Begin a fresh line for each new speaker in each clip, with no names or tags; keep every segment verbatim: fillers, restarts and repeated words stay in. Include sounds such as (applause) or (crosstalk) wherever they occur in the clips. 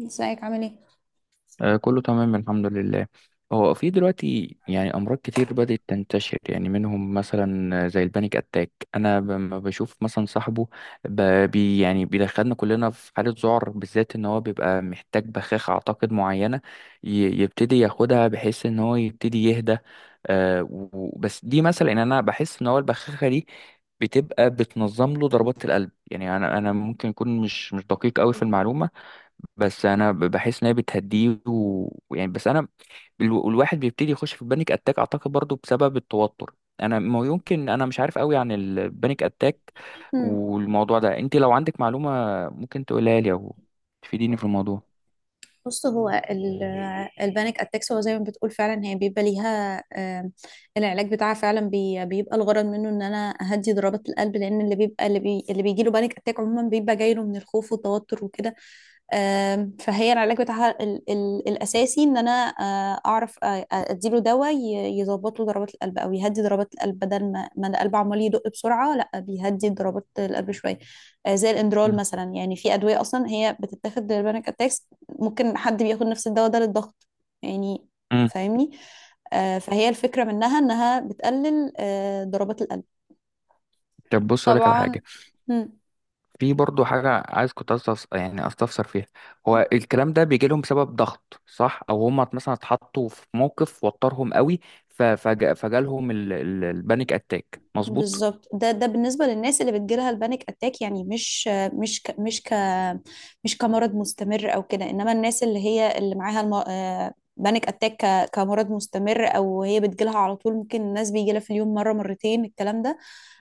ازيك عامل ايه؟
آه، كله تمام الحمد لله. هو في دلوقتي يعني أمراض كتير بدأت تنتشر، يعني منهم مثلا زي البانيك أتاك. أنا لما بشوف مثلا صاحبه ب- بي يعني بيدخلنا كلنا في حالة ذعر، بالذات إن هو بيبقى محتاج بخاخة أعتقد معينة ي- يبتدي ياخدها بحيث إن هو يبتدي يهدى. آه، و- و- بس دي مثلا إن أنا بحس إن هو البخاخة دي بتبقى بتنظم له ضربات القلب. يعني أنا أنا ممكن أكون مش مش دقيق أوي في المعلومة، بس انا ب- بحس ان هي بتهديه و- ويعني. بس انا الو- الواحد بيبتدي يخش في البانيك اتاك اعتقد برضو بسبب التوتر. انا ما يمكن انا مش عارف قوي عن البانيك اتاك
مم.
والموضوع ده. انت لو عندك معلومة ممكن تقولها لي او تفيديني في الموضوع.
بص هو ال- البانيك اتاكس هو زي ما بتقول فعلا، هي بيبقى ليها آم، العلاج بتاعها فعلا بي- بيبقى الغرض منه ان انا اهدي ضربات القلب، لان اللي بيبقى اللي, بي اللي بيجي له بانيك اتاك عموما بيبقى جاي له من الخوف والتوتر وكده. آم، فهي العلاج بتاعها ال ال الاساسي ان انا آه، اعرف، آه، آه، اديله دواء ي- يظبط له ضربات القلب او يهدي ضربات القلب، بدل ما ما القلب عمال يدق بسرعه، لا بيهدي ضربات القلب شويه. آه، زي الاندرال
مم.
مثلا، يعني في ادويه اصلا هي بتتاخد للبانيك اتاكس. ممكن حد بياخد نفس الدواء ده للضغط يعني،
مم.
فاهمني. آه، فهي الفكرة منها إنها بتقلل آه، ضربات القلب.
طب بص اقول لك على
طبعا.
حاجة.
مم.
في برضو حاجة عايز كنت أستفس... يعني استفسر فيها. هو الكلام ده بيجي لهم بسبب ضغط، صح؟ او هم مثلا اتحطوا في موقف وترهم قوي، ف- فج... فجالهم ال... ال- البانيك اتاك، مظبوط؟
بالظبط، ده ده بالنسبة للناس اللي بتجيلها البانيك أتاك، يعني مش آه، مش ك مش ك مش كمرض مستمر أو كده. إنما الناس اللي هي اللي معاها الم... آه، بانيك أتاك ك- كمرض مستمر، أو هي بتجيلها على طول، ممكن الناس بيجيلها في اليوم مرة مرتين الكلام ده.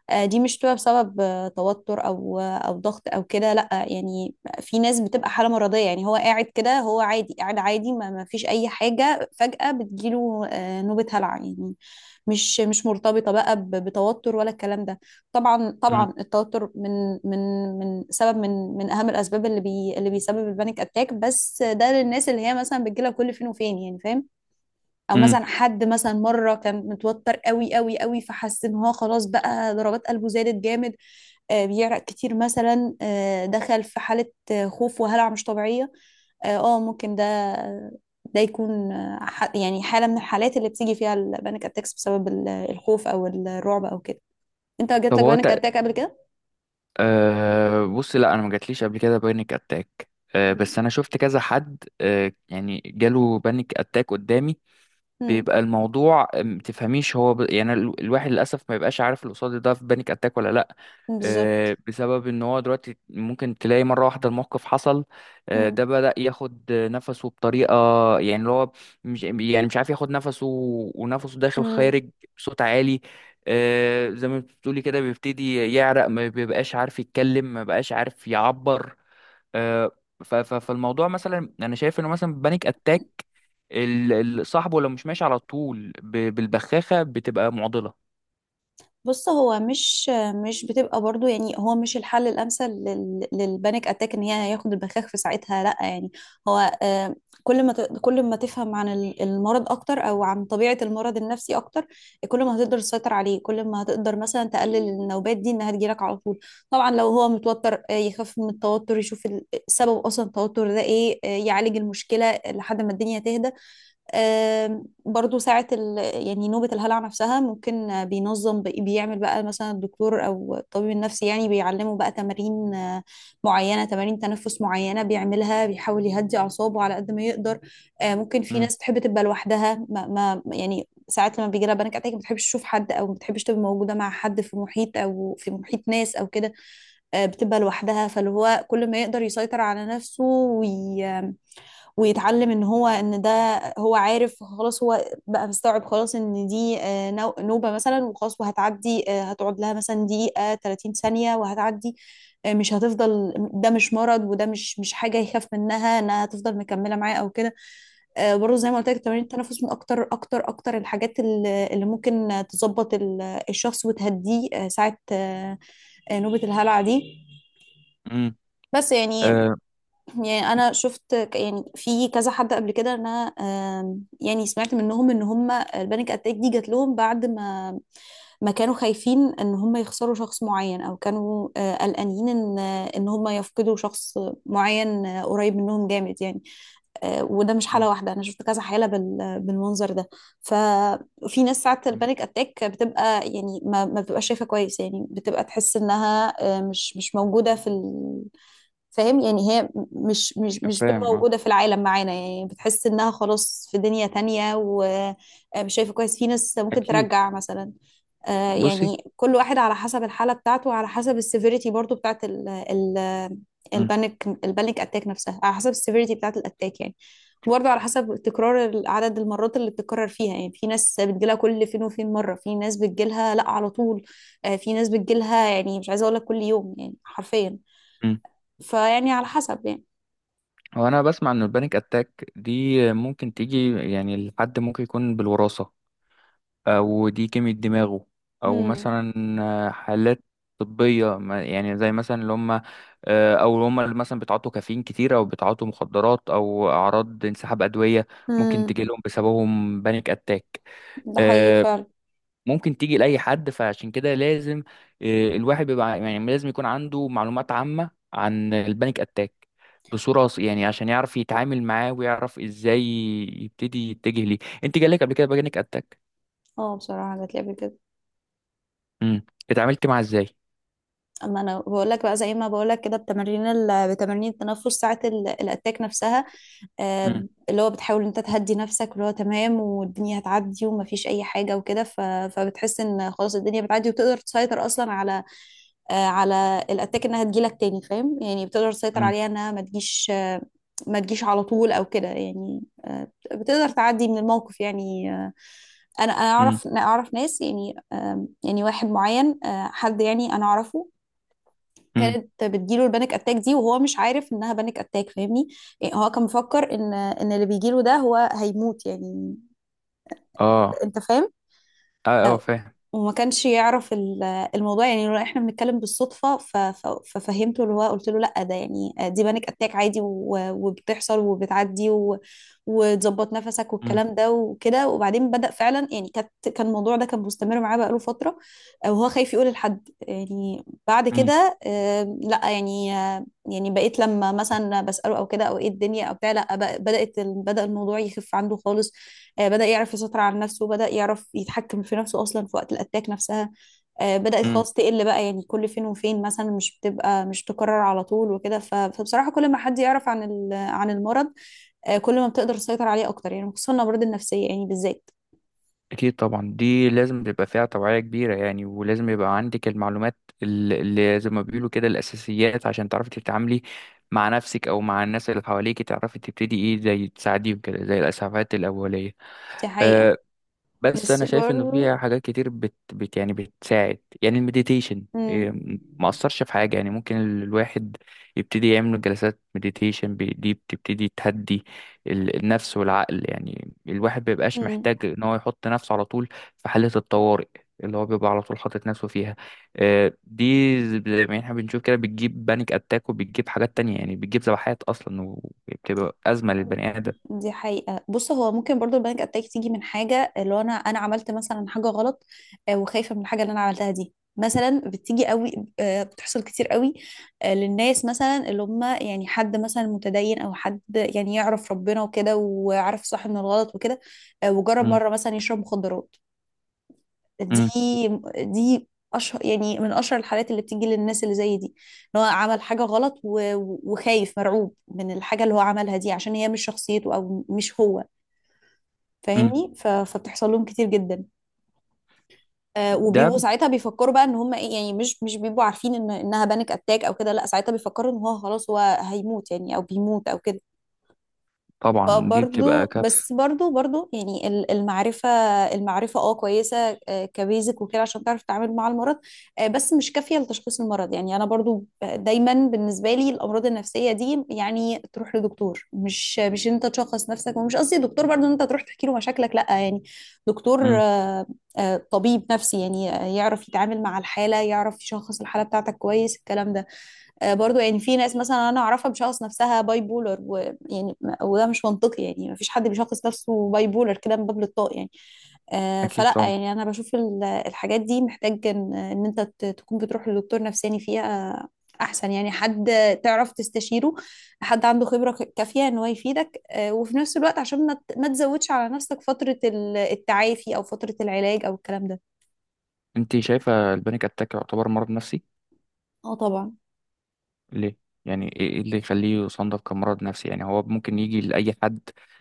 آه، دي مش بتبقى بسبب آه، توتر او آه، او ضغط او كده، لا يعني. في ناس بتبقى حاله مرضيه، يعني هو قاعد كده، هو عادي قاعد عادي، ما ما فيش اي حاجه، فجاه بتجيله آه، نوبه هلع يعني، مش مش مرتبطه بقى ب- بتوتر ولا الكلام ده. طبعا طبعا التوتر من من من سبب، من من اهم الاسباب اللي بي اللي بيسبب البانيك اتاك، بس ده للناس اللي هي مثلا بتجيلها كل فين وفين يعني، فاهم. او
امم.
مثلا حد مثلا مره كان متوتر قوي قوي قوي، فحس ان هو خلاص بقى ضربات قلبه زادت جامد، آه، بيعرق كتير مثلا، آه، دخل في حاله آه، خوف وهلع مش طبيعيه. اه آه، ممكن ده ده يكون آه، ح- يعني حاله من الحالات اللي بتيجي فيها البانيك اتاكس بسبب ال- الخوف او الرعب او كده. انت جات
طب
لك
هو
بانيك
تق...
اتاك قبل كده؟
أه بص، لا انا ما جاتليش قبل كده بانيك اتاك، أه بس
مم.
انا شفت كذا حد أه يعني جاله بانيك اتاك قدامي.
مم.
بيبقى الموضوع ما تفهميش، هو ب... يعني ال- الواحد للاسف ما بيبقاش عارف اللي قصاده ده في بانيك اتاك ولا لا،
بالظبط.
آه، بسبب ان هو دلوقتي ممكن تلاقي مره واحده الموقف حصل، آه،
مم.
ده بدأ ياخد نفسه بطريقه، يعني اللي هو مش يعني مش عارف ياخد نفسه ونفسه داخل
مم.
خارج بصوت عالي، آه، زي ما بتقولي كده بيبتدي يعرق، ما بيبقاش عارف يتكلم، ما بقاش عارف يعبر، آه، ف- ف- فالموضوع مثلا انا شايف انه مثلا بانيك اتاك ال- ال- صاحبه لو مش ماشي على طول ب- بالبخاخه بتبقى معضله.
بص هو مش مش بتبقى برضو، يعني هو مش الحل الامثل لل- للبانيك اتاك ان هي ياخد البخاخ في ساعتها، لا يعني. هو آه، كل ما ت- كل ما تفهم عن ال- المرض اكتر، او عن طبيعه المرض النفسي اكتر، كل ما هتقدر تسيطر عليه، كل ما هتقدر مثلا تقلل النوبات دي انها تجيلك على طول. طبعا لو هو متوتر آه، يخف من التوتر، يشوف ال- سبب اصلا التوتر ده ايه، آه، يعالج المشكله لحد ما الدنيا تهدى. آم، برضو ساعة ال... يعني نوبة الهلع نفسها ممكن آه، بينظم بي- بيعمل بقى مثلا الدكتور أو الطبيب النفسي، يعني بيعلمه بقى تمارين آه، معينة، تمارين تنفس معينة بيعملها، بيحاول يهدي أعصابه على قد ما يقدر. آه، ممكن في
امم.
ناس تحب تبقى لوحدها، ما... ما يعني ساعات لما بيجي لها بانيك اتاك ما بتحبش تشوف حد، او ما بتحبش تبقى موجوده مع حد في محيط، او في محيط ناس او كده، آه، بتبقى لوحدها. فاللي هو كل ما يقدر يسيطر على نفسه وي... ويتعلم ان هو ان ده، هو عارف خلاص، هو بقى مستوعب خلاص ان دي آه، نو- نوبة مثلا وخلاص وهتعدي، آه، هتقعد لها مثلا دقيقة ثلاثين ثانية وهتعدي، آه، مش هتفضل. ده مش مرض، وده مش مش حاجة يخاف منها انها هتفضل مكملة معاه او كده. آه، برضه زي ما قلت لك، تمارين التنفس من اكتر اكتر اكتر الحاجات اللي اللي ممكن تظبط ال- الشخص وتهديه آه، ساعة آه، آه، نوبة الهلع دي.
امم.
بس يعني
آه.
يعني انا شفت ك- يعني في كذا حد قبل كده إن انا آم، يعني سمعت منهم ان هم البانيك اتاك دي جات لهم بعد ما ما كانوا خايفين ان هم يخسروا شخص معين، او كانوا آه، قلقانين ان ان هم يفقدوا شخص معين، آه، قريب منهم جامد يعني. آه، وده مش
م-
حالة واحدة، أنا شفت كذا حالة بال- بالمنظر ده. ففي ناس ساعات
م-
البانيك أتاك بتبقى يعني ما ما بتبقاش شايفة كويس، يعني بتبقى تحس إنها آه، مش مش موجودة في، فاهم يعني، هي مش مش مش بتبقى
فاهم، اه،
موجودة في العالم معانا يعني، بتحس انها خلاص في دنيا تانية ومش شايفة كويس. في ناس ممكن
اكيد.
ترجع مثلا آه،
بصي.
يعني. كل واحد على حسب الحالة بتاعته، وعلى حسب السيفيريتي برضو بتاعت ال ال
امم.
البانيك البانيك اتاك نفسها، على حسب السيفيريتي بتاعت الاتاك يعني، برضو على حسب تكرار ال- عدد المرات اللي بتتكرر فيها. يعني في ناس بتجيلها كل فين وفين مرة، في ناس بتجيلها لا على طول، آه، في ناس بتجيلها يعني مش عايزة اقول لك كل يوم يعني حرفيا،
مم.
فيعني على حسب يعني.
هو انا بسمع ان البانيك اتاك دي ممكن تيجي، يعني الحد ممكن يكون بالوراثه، او دي كيمياء دماغه، او
امم
مثلا آه، حالات طبية، ما- يعني زي مثلا اللي هم آه، او اللي هم اللي مثلا بيتعاطوا كافيين كتير، او بيتعاطوا مخدرات، او اعراض انسحاب ادوية ممكن
امم
تجي لهم بسببهم بانيك اتاك.
ده حقيقي
آه،
فعلا.
ممكن تيجي لاي حد، فعشان كده لازم آه، الواحد بيبقى يعني لازم يكون عنده معلومات عامة عن البانيك اتاك بصورة ص- يعني عشان يعرف يتعامل معاه ويعرف ازاي يبتدي يتجه ليه. انت جالك قبل كده بانيك اتاك؟
اه بصراحة جات لي قبل كده.
امم. اتعاملت معاه ازاي؟
اما انا بقول لك بقى زي ما بقول لك كده، بتمارين ال- بتمارين التنفس ساعة ال- الاتاك نفسها، آه،
امم.
اللي هو بتحاول إن انت تهدي نفسك، واللي هو تمام والدنيا هتعدي ومفيش اي حاجة وكده. ف- فبتحس ان خلاص الدنيا بتعدي، وتقدر تسيطر اصلا على آه، على الاتاك انها تجيلك تاني، فاهم يعني، بتقدر تسيطر
امم.
عليها انها ما تجيش ما تجيش على طول او كده يعني، آه، بتقدر تعدي من الموقف يعني. آه، انا انا
امم.
اعرف، أنا اعرف ناس يعني، آم، يعني واحد معين، آه، حد يعني انا اعرفه،
امم.
كانت بتجيله البانيك اتاك دي وهو مش عارف انها بانيك اتاك، فاهمني. يعني هو كان مفكر ان ان اللي بيجيله ده هو هيموت يعني،
اه.
انت فاهم.
اه اه
آه،
فاهم.
وما كانش يعرف ال- الموضوع، يعني لو احنا بنتكلم بالصدفة ف- ف- ففهمته اللي هو، قلت له لا ده يعني دي بانيك اتاك عادي، و- وبتحصل وبتعدي، و- وتظبط نفسك
امم.
والكلام ده وكده. وبعدين بدأ فعلا، يعني كانت كان الموضوع ده كان مستمر معاه بقاله فترة آه، وهو خايف يقول لحد يعني. بعد
امم.
كده آه، لا يعني، آه، يعني بقيت لما مثلا بسأله او كده، او ايه الدنيا او بتاع، لا بق- بدأت ال- بدأ الموضوع يخف عنده خالص، آه، بدأ يعرف يسيطر على نفسه، بدأ يعرف يتحكم في نفسه أصلا في وقت الأتاك نفسها، آه، بدأت
امم.
خلاص تقل بقى، يعني كل فين وفين مثلا، مش بتبقى مش تكرر على طول وكده. ف- فبصراحة كل ما حد يعرف عن ال- عن المرض آه، كل ما بتقدر تسيطر عليه أكتر يعني، خصوصا الأمراض النفسية يعني بالذات.
اكيد طبعا، دي لازم تبقى فيها توعية كبيرة يعني، ولازم يبقى عندك المعلومات ال- اللي زي ما بيقولوا كده الاساسيات عشان تعرفي تتعاملي مع نفسك او مع الناس اللي حواليك، تعرفي تبتدي ايه، زي تساعديهم كده زي الاسعافات الاولية.
دي حقيقة.
آه. بس
بس
انا شايف انه
برضو.
فيها حاجات كتير بت, بت يعني بتساعد، يعني المديتيشن
مم.
إيه، ما اثرش في حاجه؟ يعني ممكن ال- الواحد يبتدي يعمل جلسات مديتيشن، دي بتبتدي تهدي ال- النفس والعقل. يعني الواحد بيبقاش
مم.
محتاج ان هو يحط نفسه على طول في حاله الطوارئ اللي هو بيبقى على طول حاطط نفسه فيها. آه، دي زي ما احنا بنشوف كده بتجيب بانيك اتاك وبتجيب حاجات تانية، يعني بتجيب ذبحات اصلا وبتبقى ازمه للبني ادم.
دي حقيقة. بص هو ممكن برضو البانيك اتاك تيجي من حاجة، اللي هو انا انا عملت مثلا حاجة غلط آه، وخايفة من الحاجة اللي انا عملتها دي مثلا، بتيجي قوي، آه، بتحصل كتير قوي آه، للناس مثلا اللي هم يعني، حد مثلا متدين، او حد يعني يعرف ربنا وكده وعارف صح من الغلط وكده، آه، وجرب
مم.
مرة مثلا يشرب مخدرات. دي
مم.
دي اشهر يعني، من اشهر الحالات اللي بتيجي للناس اللي زي دي، ان هو عمل حاجه غلط و- و- وخايف مرعوب من الحاجه اللي هو عملها دي، عشان هي مش شخصيته او مش هو،
مم.
فاهمني. ف- فبتحصل لهم كتير جدا، آه،
ده
وبيبقوا ساعتها بيفكروا بقى ان هم ايه يعني، مش مش بيبقوا عارفين ان انها بانيك اتاك او كده، لا ساعتها بيفكروا ان هو خلاص هو هيموت يعني، او بيموت او كده.
طبعا دي بتبقى
فبرضو
كارثة.
بس برضو برضو يعني ال- المعرفة المعرفة اه كويسة، آه، كبيزك وكده عشان تعرف تتعامل مع المرض، آه، بس مش كافية لتشخيص المرض. يعني أنا برضو دايما بالنسبة لي الأمراض النفسية دي، يعني تروح لدكتور، مش مش أنت تشخص نفسك، ومش قصدي دكتور برضو أن أنت تروح تحكي له مشاكلك، لأ يعني، دكتور
امم.
آه، آه، طبيب نفسي يعني، آه، يعرف يتعامل مع الحالة، يعرف يشخص الحالة بتاعتك كويس الكلام ده. آه، برضو يعني في ناس مثلا انا اعرفها بشخص نفسها باي بولر، ويعني م- وده مش منطقي يعني، ما فيش حد بيشخص نفسه باي بولر كده من باب الطاق يعني. آه،
اكيد
فلا
طبعا.
يعني انا بشوف ال- الحاجات دي محتاج ان إن انت ت- تكون بتروح لدكتور نفساني فيها، احسن يعني. حد تعرف تستشيره، حد عنده خبرة ك- كافية ان هو يفيدك، آه، وفي نفس الوقت عشان ما ت- ما تزودش على نفسك فترة ال- التعافي او فترة العلاج او الكلام ده.
انت شايفة البانيك اتاك يعتبر مرض نفسي؟
اه طبعا.
ليه؟ يعني ايه إيه اللي يخليه يصنف كمرض نفسي؟ يعني هو ممكن يجي لأي حد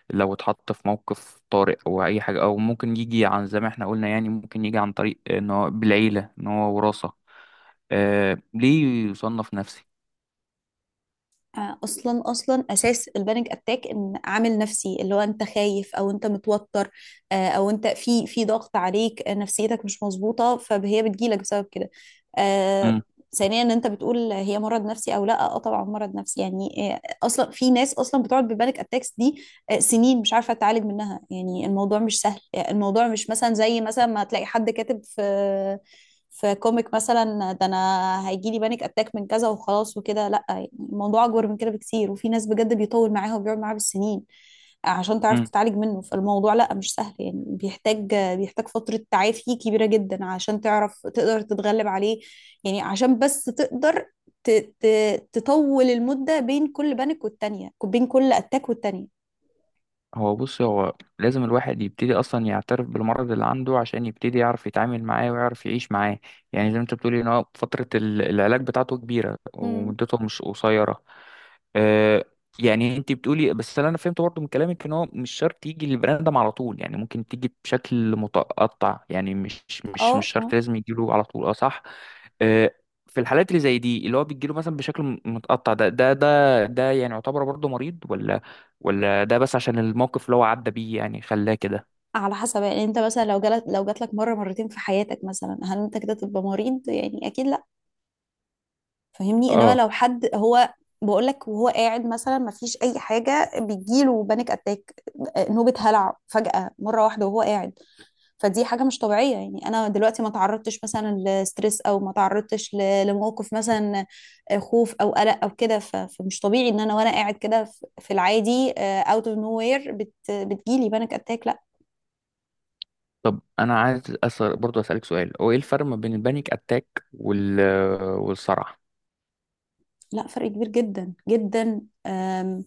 لو اتحط في موقف طارئ او اي حاجة، او ممكن يجي عن زي ما احنا قلنا، يعني ممكن يجي عن طريق ان هو بالعيلة، ان هو وراثة. آه، ليه يصنف نفسي؟
آه، اصلا اصلا اساس البانيك اتاك ان عامل نفسي، اللي هو انت خايف او انت متوتر، آه، او انت في في ضغط عليك، آه، نفسيتك مش مظبوطه، فهي بتجيلك بسبب كده. آه، ثانيا ان انت بتقول هي مرض نفسي او لا، اه طبعا مرض نفسي يعني. آه، اصلا في ناس اصلا بتقعد ببانيك اتاكس دي آه، سنين مش عارفه تعالج منها، يعني الموضوع مش سهل. آه، الموضوع مش مثلا زي مثلا ما تلاقي حد كاتب في في كوميك مثلا ده، انا هيجي لي بانيك اتاك من كذا وخلاص وكده، لا يعني الموضوع اكبر من كده بكتير. وفي ناس بجد بيطول معاها وبيقعد معاها بالسنين عشان تعرف
امم.
تتعالج منه، فالموضوع لا مش سهل يعني، بيحتاج بيحتاج فترة تعافي كبيرة جدا عشان تعرف تقدر تتغلب عليه، يعني عشان بس تقدر ت- ت- تطول المدة بين كل بانيك والتانية، بين كل اتاك والتانية.
هو بص هو لازم الواحد يبتدي اصلا يعترف بالمرض اللي عنده عشان يبتدي يعرف يتعامل معاه ويعرف يعيش معاه، يعني زي ما انت بتقولي ان هو فترة ال- العلاج بتاعته كبيرة
مم.
ومدته مش قصيرة. آه. يعني انت بتقولي، بس انا فهمت برضه من كلامك، ان هو مش شرط يجي للبني ادم على طول، يعني ممكن تيجي بشكل متقطع، يعني مش مش مش
اه.
شرط
آه.
لازم يجيله على طول، اه صح. آه، في الحالات اللي زي دي اللي هو بيجيله مثلا بشكل م- متقطع ده، ده ده ده يعني يعتبر برضه مريض، ولا ولا ده بس عشان الموقف اللي هو عدى بيه يعني خلاه كده؟
على حسب، يعني انت مثلا لو جالك لو جات لك مره مرتين في حياتك مثلا، هل انت كده تبقى مريض؟ يعني اكيد لا. فاهمني؟ انما
اه.
لو حد هو بقول لك وهو قاعد مثلا ما فيش اي حاجه بيجيله بانيك اتاك، نوبه هلع فجاه مره واحده وهو قاعد، فدي حاجه مش طبيعيه. يعني انا دلوقتي ما تعرضتش مثلا لستريس، او ما تعرضتش ل- لموقف مثلا، آه، خوف او قلق او كده، ف- فمش طبيعي ان انا وانا قاعد كده في في العادي، اوت اوف نو وير، بتجيلي بانيك اتاك. لا
طب انا عايز أسأل برضه اسالك سؤال، هو ايه الفرق ما بين البانيك اتاك وال والصرع؟
لا، فرق كبير جدا جدا. آم،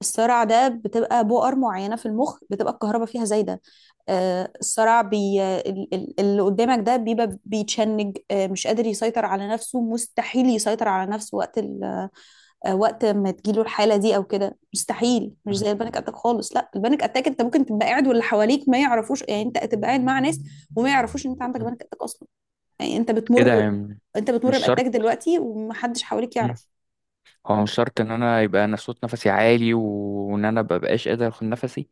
الصرع ده بتبقى بؤر معينة في المخ بتبقى الكهرباء فيها زايدة. آه، الصرع بي ال- ال- اللي قدامك ده بيبقى بيتشنج، آه، مش قادر يسيطر على نفسه، مستحيل يسيطر على نفسه وقت ال... آه، وقت ما تجيله الحالة دي أو كده، مستحيل. مش
مم.
زي البانيك أتاك خالص. لا، البانيك أتاك أنت ممكن تبقى قاعد واللي حواليك ما يعرفوش. يعني أنت تبقى قاعد مع ناس وما يعرفوش إن أنت عندك
مم.
بانيك أتاك أصلا. يعني أنت
ايه ده
بتمر
يعني؟
أنت بتمر
مش
بأتاك
شرط.
دلوقتي ومحدش حواليك
مم.
يعرف.
هو مش شرط ان انا يبقى انا صوت نفسي عالي وان انا مبقاش قادر اخد نفسي،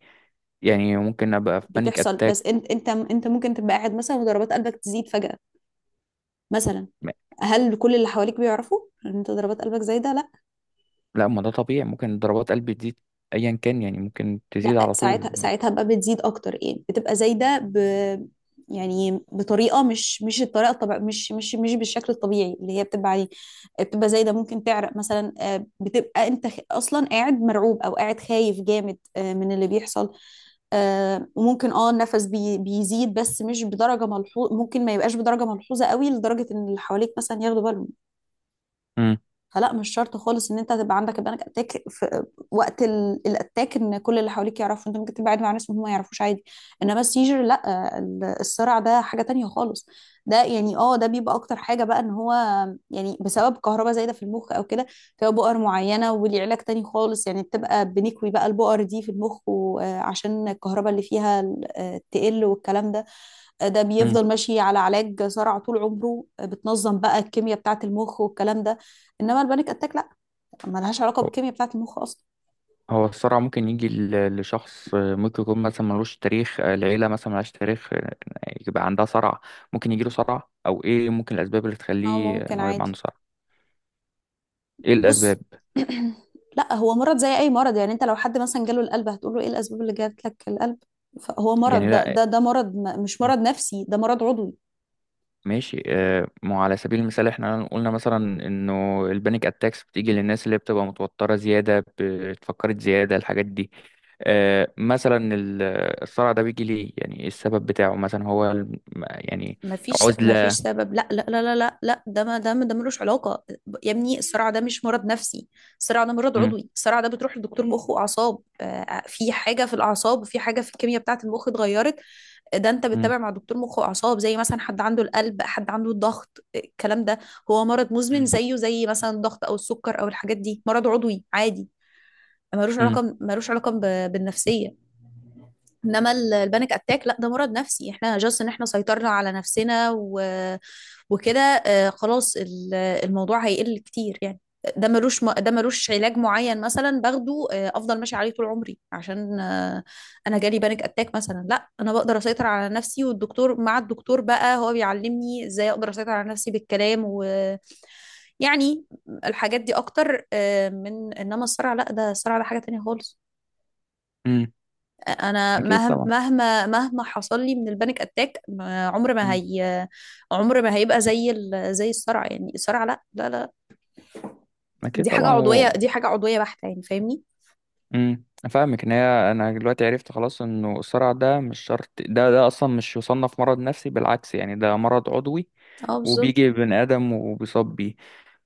يعني ممكن ابقى في بانيك
بتحصل،
اتاك.
بس انت انت انت ممكن تبقى قاعد مثلا وضربات قلبك تزيد فجأة مثلا.
م-.
هل كل اللي حواليك بيعرفوا ان انت ضربات قلبك زايده؟ لا.
لا ما ده طبيعي، ممكن ضربات قلبي تزيد ايا كان، يعني ممكن تزيد
لا،
على طول.
ساعتها ساعتها بقى بتزيد اكتر. يعني بتبقى زايده ب يعني بطريقه مش مش الطريقه الطبيعيه، مش مش مش بالشكل الطبيعي اللي هي بتبقى عليه. بتبقى زايده، ممكن تعرق مثلا، آه، بتبقى انت خ- اصلا قاعد مرعوب او قاعد خايف جامد آه، من اللي بيحصل. آه، وممكن اه النفس بي- بيزيد، بس مش بدرجه ملحوظه. ممكن ما يبقاش بدرجه ملحوظه قوي لدرجه ان اللي حواليك مثلا ياخدوا بالهم.
مم.
فلا، مش شرط خالص ان انت تبقى عندك البانيك اتاك في وقت ال- الاتاك ان كل اللي حواليك يعرفوا. انت ممكن تبعد مع ناس هم ما يعرفوش، عادي. انما السيجر لا، ال- الصرع ده حاجه تانية خالص. ده يعني اه ده بيبقى اكتر حاجه بقى ان هو يعني بسبب كهرباء زايده في المخ او كده، فيها بؤر معينه وليه علاج تاني خالص. يعني بتبقى بنكوي بقى البؤر دي في المخ، وعشان الكهرباء اللي فيها ال- آه، تقل والكلام ده. ده
مم.
بيفضل ماشي على علاج صرع طول عمره، بتنظم بقى الكيمياء بتاعة المخ والكلام ده. انما البانيك اتاك لا، ما لهاش علاقة بالكيمياء بتاعة المخ اصلا.
هو الصرع ممكن يجي ل- لشخص آه، ممكن يكون مثلا ملوش تاريخ، آه، العيلة مثلا ملهاش تاريخ، آه، يبقى عندها صرع؟ ممكن يجيله صرع؟ أو إيه ممكن الأسباب اللي
اه
تخليه إن
ممكن
هو يبقى
عادي.
عنده صرع؟ إيه
بص
الأسباب؟
(clears throat) لا، هو مرض زي اي مرض. يعني انت لو حد مثلا جاله القلب هتقول له ايه الاسباب اللي جات لك القلب؟ فهو مرض،
يعني
ده
لا،
ده ده مرض م- مش مرض نفسي، ده مرض عضوي.
ماشي آه، ما هو على سبيل المثال إحنا قلنا مثلا إنه البانيك أتاكس بتيجي للناس اللي بتبقى متوترة زيادة، بتفكرت زيادة، الحاجات دي. آه، مثلا ال- الصرع ده بيجي ليه؟ يعني إيه السبب بتاعه مثلا؟ هو الم- يعني
مفيش مفيش
عزلة؟
سبب. لا لا لا لا لا لا، ده ما ده ما ده ملوش علاقة. يا ابني الصرع ده مش مرض نفسي، الصرع ده مرض
م-
عضوي. الصرع ده بتروح لدكتور مخ وأعصاب. آه، في حاجة في الأعصاب وفي حاجة في الكيمياء بتاعة المخ اتغيرت. آه، ده أنت
م-
بتتابع مع دكتور مخ وأعصاب زي مثلا حد عنده القلب، حد عنده الضغط، آه، الكلام ده. هو مرض مزمن،
م-
زيه زي مثلا الضغط أو السكر أو الحاجات دي، مرض عضوي عادي. ملوش
م-
علاقة، ملوش علاقة ب- بالنفسية. انما ال- البانيك اتاك لا، ده مرض نفسي. احنا جاست ان احنا سيطرنا على نفسنا و... وكده، آه، خلاص ال- الموضوع هيقل كتير يعني. ده ملوش م- ده ملوش علاج معين مثلا باخده آه، افضل ماشي عليه طول عمري عشان آه، انا جالي بانيك اتاك مثلا. لا، انا بقدر اسيطر على نفسي، والدكتور مع الدكتور بقى هو بيعلمني ازاي اقدر اسيطر على نفسي بالكلام، ويعني الحاجات دي اكتر. آه، من انما الصرع لا، ده الصرع ده حاجة تانية خالص.
م.
انا
اكيد
مهما
طبعا.
مهما مهما حصل لي من البانيك اتاك ما- عمر ما
مم.
هي، عمر ما هيبقى زي ال... زي الصرع. يعني الصرع لا لا لا،
اكيد
دي حاجة
طبعا
عضوية،
و...
دي حاجة عضوية بحتة يعني. فاهمني؟
مم. افهمك ان هي انا دلوقتي عرفت خلاص انه الصرع ده مش شرط، ده ده اصلا مش يصنف مرض نفسي، بالعكس يعني ده مرض عضوي
اه بالظبط.
وبيجي بني ادم وبيصاب بيه.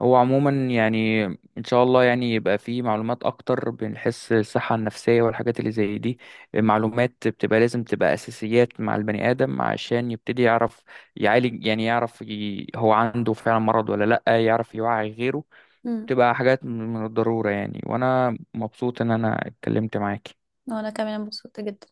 هو عموما يعني ان شاء الله يعني يبقى فيه معلومات اكتر بنحس الصحة النفسية والحاجات اللي زي دي، معلومات بتبقى لازم تبقى اساسيات مع البني ادم عشان يبتدي يعرف يعالج، يعني يعرف ي... هو عنده فعلا مرض ولا لا، يعرف يوعي غيره.
امم
تبقى حاجات من الضرورة يعني، وأنا مبسوط إن أنا اتكلمت معاك.
وانا كمان انبسطت جدا.